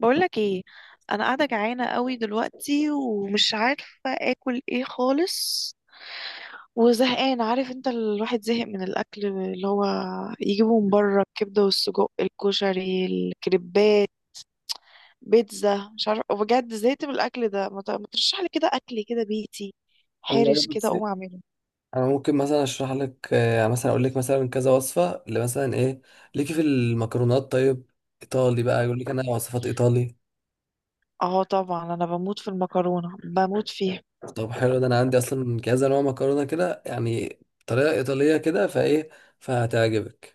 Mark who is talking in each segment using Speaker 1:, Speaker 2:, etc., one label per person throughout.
Speaker 1: بقولك ايه؟ انا قاعده جعانه قوي دلوقتي ومش عارفه اكل ايه خالص وزهقان. عارف انت الواحد زهق من الاكل اللي هو يجيبه من بره، الكبده والسجق الكشري الكريبات بيتزا، مش عارفه بجد زهقت من الاكل ده. ما ترشح لي كده اكل كده بيتي
Speaker 2: والله
Speaker 1: حارش كده اقوم
Speaker 2: بصي.
Speaker 1: اعمله.
Speaker 2: انا ممكن مثلا اشرح لك مثلا اقول لك مثلا كذا وصفه اللي مثلا ايه ليكي في المكرونات. طيب، ايطالي بقى يقول لك انا وصفات ايطالي.
Speaker 1: اه طبعا، انا بموت في المكرونه، بموت فيها.
Speaker 2: طب حلو، ده انا عندي اصلا كذا نوع مكرونه كده، يعني طريقه ايطاليه كده فايه، فهتعجبك.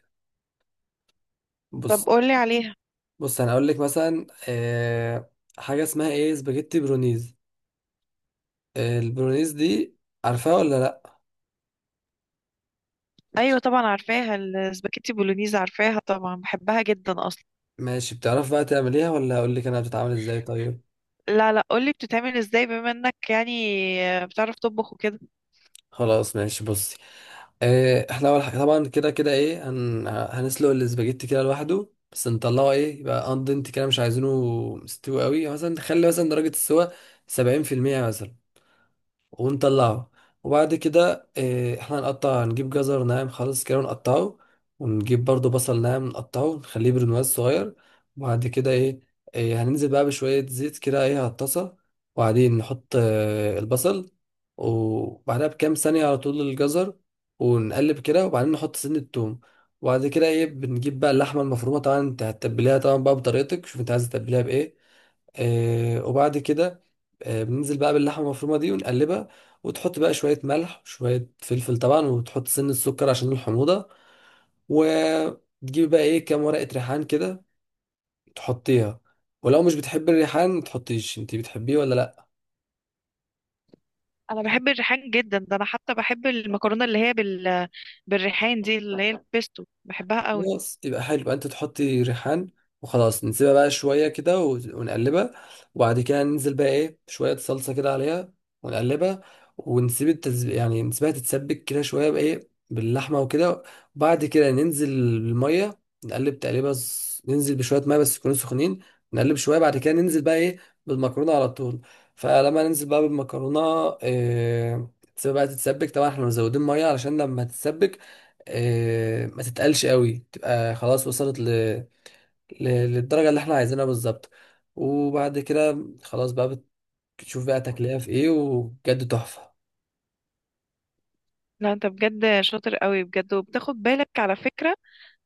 Speaker 1: طب
Speaker 2: بص
Speaker 1: قولي عليها.
Speaker 2: بص انا اقول لك مثلا حاجه اسمها ايه سباجيتي برونيز. البرونيز دي عارفاها ولا لا؟
Speaker 1: ايوه طبعا عارفاها، السباكيتي بولونيز عارفاها طبعا، بحبها جدا اصلا.
Speaker 2: ماشي، بتعرف بقى تعمليها ولا اقول لك انا بتتعمل ازاي؟ طيب،
Speaker 1: لا لا، قولي بتتعمل ازاي، بما انك يعني بتعرف تطبخ وكده.
Speaker 2: خلاص ماشي بصي. إيه، احنا اول حاجه طبعا كده كده ايه هنسلق الاسباجيتي كده لوحده، بس نطلعه ايه يبقى اندنت كده، مش عايزينه مستوي قوي. مثلا نخلي مثلا درجه السوا 70% مثلا ونطلعه. وبعد كده احنا هنقطع، نجيب جزر ناعم خالص كده ونقطعه، ونجيب برضو بصل ناعم نقطعه نخليه برنواز صغير. وبعد كده ايه، هننزل بقى بشوية زيت كده ايه على الطاسة، وبعدين نحط البصل، وبعدها بكام ثانية على طول الجزر، ونقلب كده وبعدين نحط سن التوم. وبعد كده ايه بنجيب بقى اللحمة المفرومة، طبعا انت هتتبليها طبعا بقى بطريقتك، شوف انت عايز تتبليها بايه. وبعد كده بننزل بقى باللحمة المفرومة دي ونقلبها، وتحط بقى شوية ملح وشوية فلفل طبعا، وتحط سن السكر عشان الحموضة، وتجيب بقى ايه كام ورقة ريحان كده تحطيها. ولو مش بتحب الريحان متحطيش، انتي بتحبيه ولا لا؟
Speaker 1: انا بحب الريحان جدا، ده انا حتى بحب المكرونه اللي هي بالريحان دي، اللي هي البيستو، بحبها قوي.
Speaker 2: خلاص، يبقى حلو، يبقى انت تحطي ريحان. وخلاص نسيبها بقى شويه كده ونقلبها. وبعد كده ننزل بقى ايه شويه صلصه كده عليها ونقلبها، ونسيب يعني نسيبها تتسبك كده شويه بايه باللحمه وكده. وبعد كده ننزل الميه نقلب تقليبه ننزل بشويه ميه بس يكونوا سخنين، نقلب شويه، بعد كده ننزل بقى ايه بالمكرونه على طول. فلما ننزل بقى بالمكرونه إيه... تسيبها بقى تتسبك، طبعا احنا مزودين ميه علشان لما تتسبك ما تتقلش قوي، تبقى خلاص وصلت للدرجة اللي احنا عايزينها بالظبط. وبعد كده خلاص بقى بتشوف بقى تاكلها في ايه، وبجد تحفة.
Speaker 1: لا انت بجد شاطر قوي بجد، وبتاخد بالك على فكره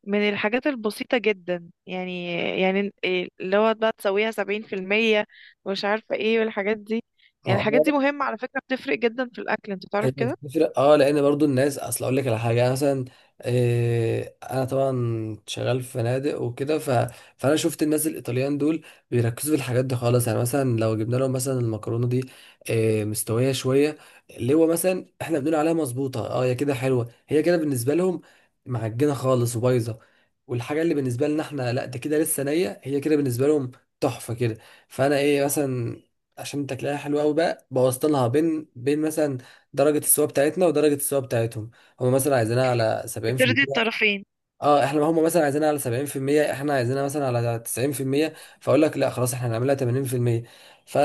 Speaker 1: من الحاجات البسيطه جدا، يعني يعني إيه اللي هو بقى تسويها 70% ومش عارفه ايه، والحاجات دي. يعني الحاجات دي مهمه على فكره، بتفرق جدا في الاكل، انت تعرف
Speaker 2: هيبقى
Speaker 1: كده.
Speaker 2: بتفرق اه، لان برضو الناس، اصل اقول لك على حاجه. أنا مثلا انا طبعا شغال في فنادق وكده، فانا شفت الناس الايطاليان دول بيركزوا في الحاجات دي خالص. يعني مثلا لو جبنا لهم مثلا المكرونه دي مستويه شويه، اللي هو مثلا احنا بنقول عليها مظبوطه، اه هي كده حلوه، هي كده بالنسبه لهم معجنه خالص وبايظه. والحاجه اللي بالنسبه لنا احنا لا ده كده لسه نيه، هي كده بالنسبه لهم تحفه كده. فانا ايه مثلا عشان تاكلها حلوه قوي بقى، بوظت لها بين بين مثلا، درجة السوا بتاعتنا ودرجة السوا بتاعتهم. هم مثلا عايزينها على
Speaker 1: بترضي
Speaker 2: 70%.
Speaker 1: الطرفين.
Speaker 2: اه، احنا هم مثلا عايزينها على 70%، احنا عايزينها مثلا على 90%، فاقول لك لا خلاص، احنا هنعملها 80%. ف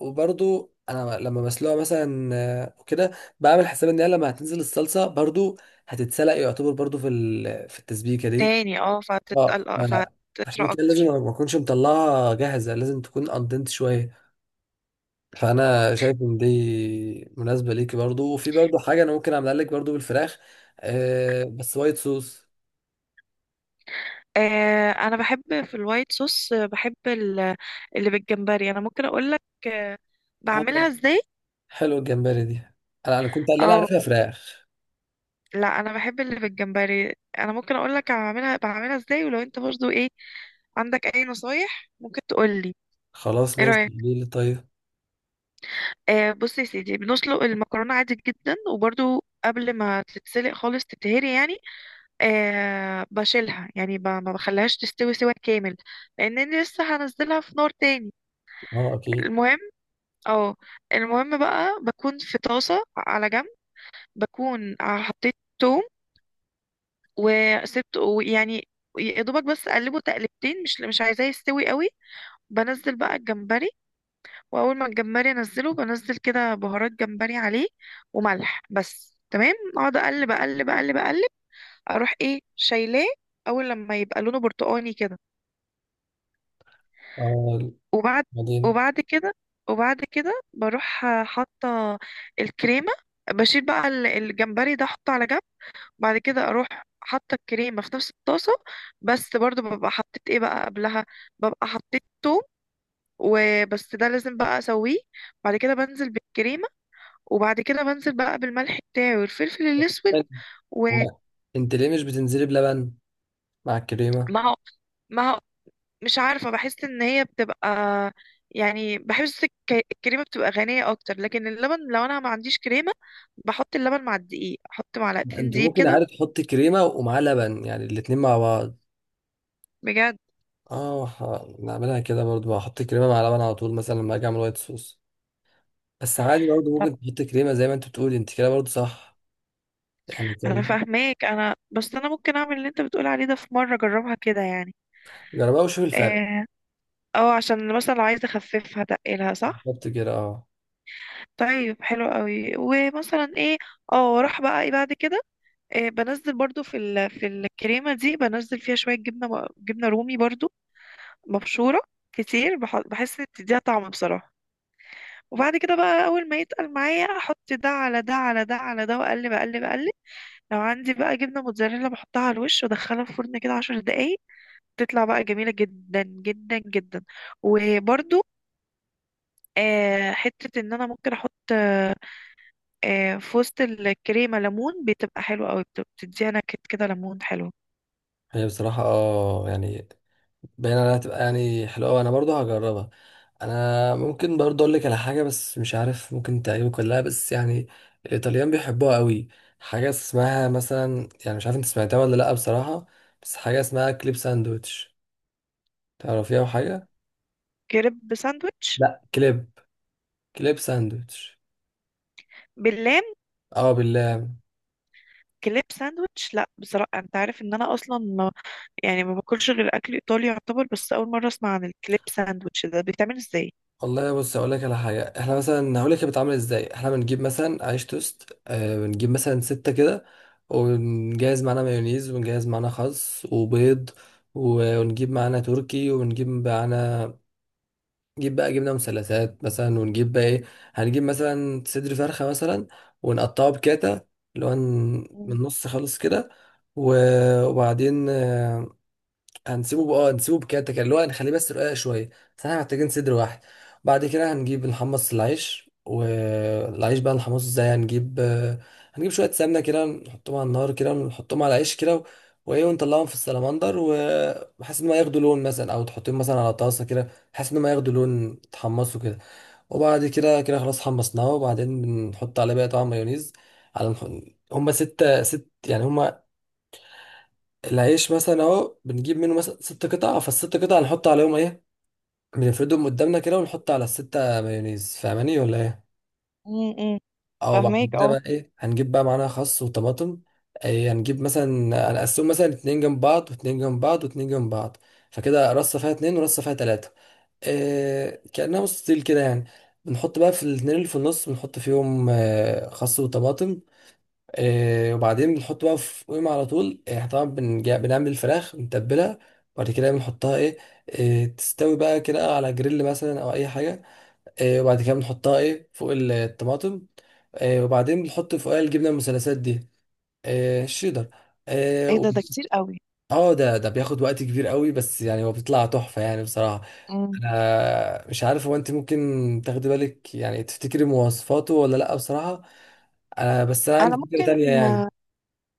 Speaker 2: وبرضو انا لما بسلقها مثلا وكده، بعمل حساب ان هي لما هتنزل الصلصة برضو هتتسلق يعتبر برضو في في التسبيكة دي.
Speaker 1: تاني اه،
Speaker 2: اه
Speaker 1: فهتتقل فهتطرى
Speaker 2: عشان كده لازم
Speaker 1: اكتر.
Speaker 2: ما اكونش مطلعها جاهزة، لازم تكون اندنت شوية. فانا شايف ان دي مناسبه ليكي برضو. وفي برضو حاجه انا ممكن اعملها لك برضو بالفراخ، بس وايت صوص.
Speaker 1: آه انا بحب في الوايت صوص، آه، اللي بالجمبري انا ممكن اقول لك
Speaker 2: اه،
Speaker 1: بعملها ازاي.
Speaker 2: حلو الجمبري دي. انا كنت اللي انا
Speaker 1: اه
Speaker 2: عارفها فراخ.
Speaker 1: لا انا بحب اللي بالجمبري، انا ممكن اقول لك بعملها ازاي، ولو انت برضو ايه عندك اي نصايح ممكن تقول لي.
Speaker 2: خلاص
Speaker 1: ايه
Speaker 2: ماشي،
Speaker 1: رايك؟
Speaker 2: ليه طيب.
Speaker 1: آه بص يا سيدي، بنسلق المكرونه عادي جدا، وبرضو قبل ما تتسلق خالص تتهري يعني، آه بشيلها يعني، ما بخليهاش تستوي سوا كامل، لان انا لسه هنزلها في نار تاني.
Speaker 2: اه اكيد.
Speaker 1: المهم، اه، المهم بقى بكون في طاسة على جنب، بكون حطيت توم، وسبت يعني يا دوبك، بس اقلبه تقلبتين، مش عايزاه يستوي قوي. بنزل بقى الجمبري، واول ما الجمبري انزله بنزل كده بهارات جمبري عليه وملح بس، تمام. اقعد اقلب اقلب اقلب اقلب، اروح ايه شايلاه اول لما يبقى لونه برتقاني كده.
Speaker 2: اه
Speaker 1: وبعد
Speaker 2: بعدين،
Speaker 1: وبعد كده وبعد كده بروح حاطه الكريمه، بشيل بقى الجمبري ده احطه على جنب. بعد كده اروح حاطه الكريمه في نفس الطاسه، بس برضو ببقى حطيت ايه بقى قبلها؟ ببقى حطيت توم وبس، ده لازم بقى اسويه. بعد كده بنزل بالكريمه، وبعد كده بنزل بقى بالملح بتاعي والفلفل الاسود، ومع.
Speaker 2: هو انت ليه مش بتنزلي بلبن مع الكريمه؟
Speaker 1: مع، مش عارفة بحس ان هي بتبقى يعني، بحس الكريمة بتبقى غنية اكتر، لكن اللبن لو انا ما عنديش كريمة بحط اللبن مع الدقيق، احط معلقتين
Speaker 2: انت
Speaker 1: دقيق
Speaker 2: ممكن
Speaker 1: كده.
Speaker 2: عارف تحطي كريمه ومعاه لبن، يعني الاتنين مع بعض.
Speaker 1: بجد.
Speaker 2: اه، نعملها كده برضو، هحط كريمه مع لبن على طول مثلا لما اجي اعمل وايت صوص. بس عادي برضه ممكن تحط كريمه زي ما انت بتقولي، انت كده برضه صح، يعني
Speaker 1: انا
Speaker 2: تمام.
Speaker 1: فاهماك، انا بس انا ممكن اعمل اللي انت بتقول عليه ده في مرة، اجربها كده يعني.
Speaker 2: جربها وشوف الفرق.
Speaker 1: اه، أو عشان مثلا لو عايزة اخففها تقلها، صح.
Speaker 2: بالظبط كده اه.
Speaker 1: طيب حلو قوي. ومثلا ايه، اه، واروح بقى ايه بعد كده؟ إيه، بنزل برضو في في الكريمة دي بنزل فيها شوية جبنة، جبنة رومي برضو مبشورة كتير، بحس ان بتديها طعم بصراحة. وبعد كده بقى اول ما يتقل معايا احط ده على ده على ده على ده، واقلب اقلب اقلب. لو عندي بقى جبنة موتزاريلا بحطها على الوش وادخلها في الفرن كده 10 دقايق، تطلع بقى جميلة جدا جدا جدا. وبرضو آه، حتة ان انا ممكن احط آه، آه، في وسط الكريمة ليمون، بتبقى حلوة قوي، بتديها نكهة كده ليمون حلو.
Speaker 2: هي بصراحه اه يعني باين عليها هتبقى يعني حلوه، وانا برضه هجربها. انا ممكن برضه اقول لك على حاجه بس مش عارف ممكن تعجبك ولا لا، بس يعني الايطاليان بيحبوها قوي. حاجه اسمها مثلا، يعني مش عارف انت سمعتها ولا لا بصراحه، بس حاجه اسمها كليب ساندويتش. تعرفيها وحاجه؟
Speaker 1: كريب ساندويتش؟
Speaker 2: لا كليب، كليب ساندويتش.
Speaker 1: باللام؟
Speaker 2: اه بالله.
Speaker 1: كليب ساندويتش؟ لا بصراحة، انت عارف ان انا اصلا يعني ما باكلش غير اكل ايطالي يعتبر، بس اول مره اسمع عن الكليب ساندوتش ده، بيتعمل ازاي؟
Speaker 2: والله بص، اقول لك على حاجه. احنا مثلا هقول لك هي بتتعمل ازاي. احنا بنجيب مثلا عيش توست، بنجيب مثلا ستة كده، ونجهز معانا مايونيز، ونجهز معانا خس وبيض، ونجيب معانا تركي، ونجيب معانا نجيب بقى جبنه مثلثات مثلا، ونجيب بقى ايه، هنجيب مثلا صدر فرخه مثلا، ونقطعه بكاتا، اللي هو من
Speaker 1: مم.
Speaker 2: النص خالص كده. وبعدين هنسيبه بقى، نسيبه بكده كده، اللي هو هنخليه بس رقيق شويه، بس احنا محتاجين صدر واحد. بعد كده هنجيب نحمص العيش. والعيش بقى نحمصه ازاي؟ هنجيب شويه سمنه كده، نحطهم على النار كده ونحطهم على العيش كده، وايه ونطلعهم في السلمندر، وبحيث ان ما ياخدوا لون، مثلا او تحطهم مثلا على طاسه كده بحيث ان ما ياخدوا لون، تحمصوا كده. وبعد كده كده خلاص حمصناه، وبعدين بنحط عليه بقى طبعا مايونيز، على هما ستة ست يعني، هما العيش مثلا اهو بنجيب منه مثلا ست قطع، فالست قطع نحط عليهم ايه، بنفردهم قدامنا كده ونحط على الستة مايونيز، فاهماني ولا ايه؟
Speaker 1: مم. مم.
Speaker 2: او بعد
Speaker 1: فاهماك
Speaker 2: كده
Speaker 1: اه.
Speaker 2: بقى ايه هنجيب بقى معانا خس وطماطم. ايه هنجيب مثلا، هنقسمهم مثلا اتنين جنب بعض، واتنين جنب بعض، واتنين جنب بعض، فكده رصة فيها اتنين ورصة فيها تلاتة، إيه كأنها مستطيل كده يعني. بنحط بقى في الاتنين اللي في النص بنحط فيهم اه، خس وطماطم. وبعدين بنحط بقى في قيمة على طول، احنا طبعا بنعمل الفراخ بنتبلها، وبعد كده بنحطها ايه، تستوي بقى كده على جريل مثلا او اي حاجة. وبعد كده بنحطها ايه فوق الطماطم. وبعدين بنحط فوقها الجبنة المثلثات دي، الشيدر. اه
Speaker 1: ايه ده؟ ده كتير قوي.
Speaker 2: ده بياخد وقت كبير قوي، بس يعني هو بيطلع تحفة يعني بصراحة.
Speaker 1: مم.
Speaker 2: انا مش عارف هو انت ممكن تاخدي بالك يعني تفتكري مواصفاته ولا لا بصراحة. انا بس انا
Speaker 1: انا
Speaker 2: عندي فكرة تانية
Speaker 1: ممكن
Speaker 2: يعني.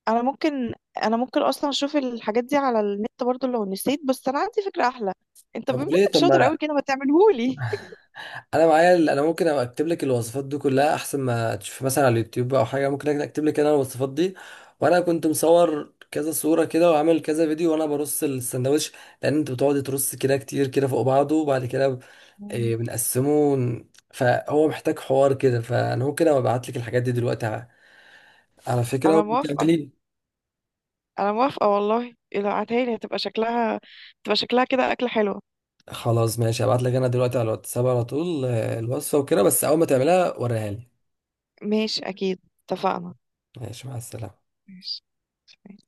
Speaker 1: انا ممكن انا ممكن اصلا اشوف الحاجات دي على النت برضو لو نسيت، بس انا عندي فكرة احلى. انت بما
Speaker 2: طب
Speaker 1: انك
Speaker 2: وليه، طب
Speaker 1: شاطر قوي
Speaker 2: ما
Speaker 1: كده، ما تعملهولي.
Speaker 2: انا معايا انا ممكن اكتب لك الوصفات دي كلها احسن ما تشوف مثلا على اليوتيوب او حاجه، ممكن اكتب لك انا الوصفات دي. وانا كنت مصور كذا صوره كده، وعامل كذا فيديو وانا برص السندوتش، لان انت بتقعد ترص كده كتير كده فوق بعضه، وبعد كده
Speaker 1: مم.
Speaker 2: إيه، بنقسمه فهو محتاج حوار كده. فانا ممكن ابعت لك الحاجات دي دلوقتي على فكره
Speaker 1: انا موافقة.
Speaker 2: وتعملي.
Speaker 1: انا موافقة والله. إيه، لو عتهالي لي هتبقى شكلها، تبقى شكلها كده اكلة حلوة.
Speaker 2: خلاص ماشي، هبعت لك انا دلوقتي على الواتساب على طول الوصفه وكده، بس اول ما تعملها وريها لي.
Speaker 1: ماشي اكيد. اتفقنا.
Speaker 2: ماشي، مع السلامه.
Speaker 1: ماشي.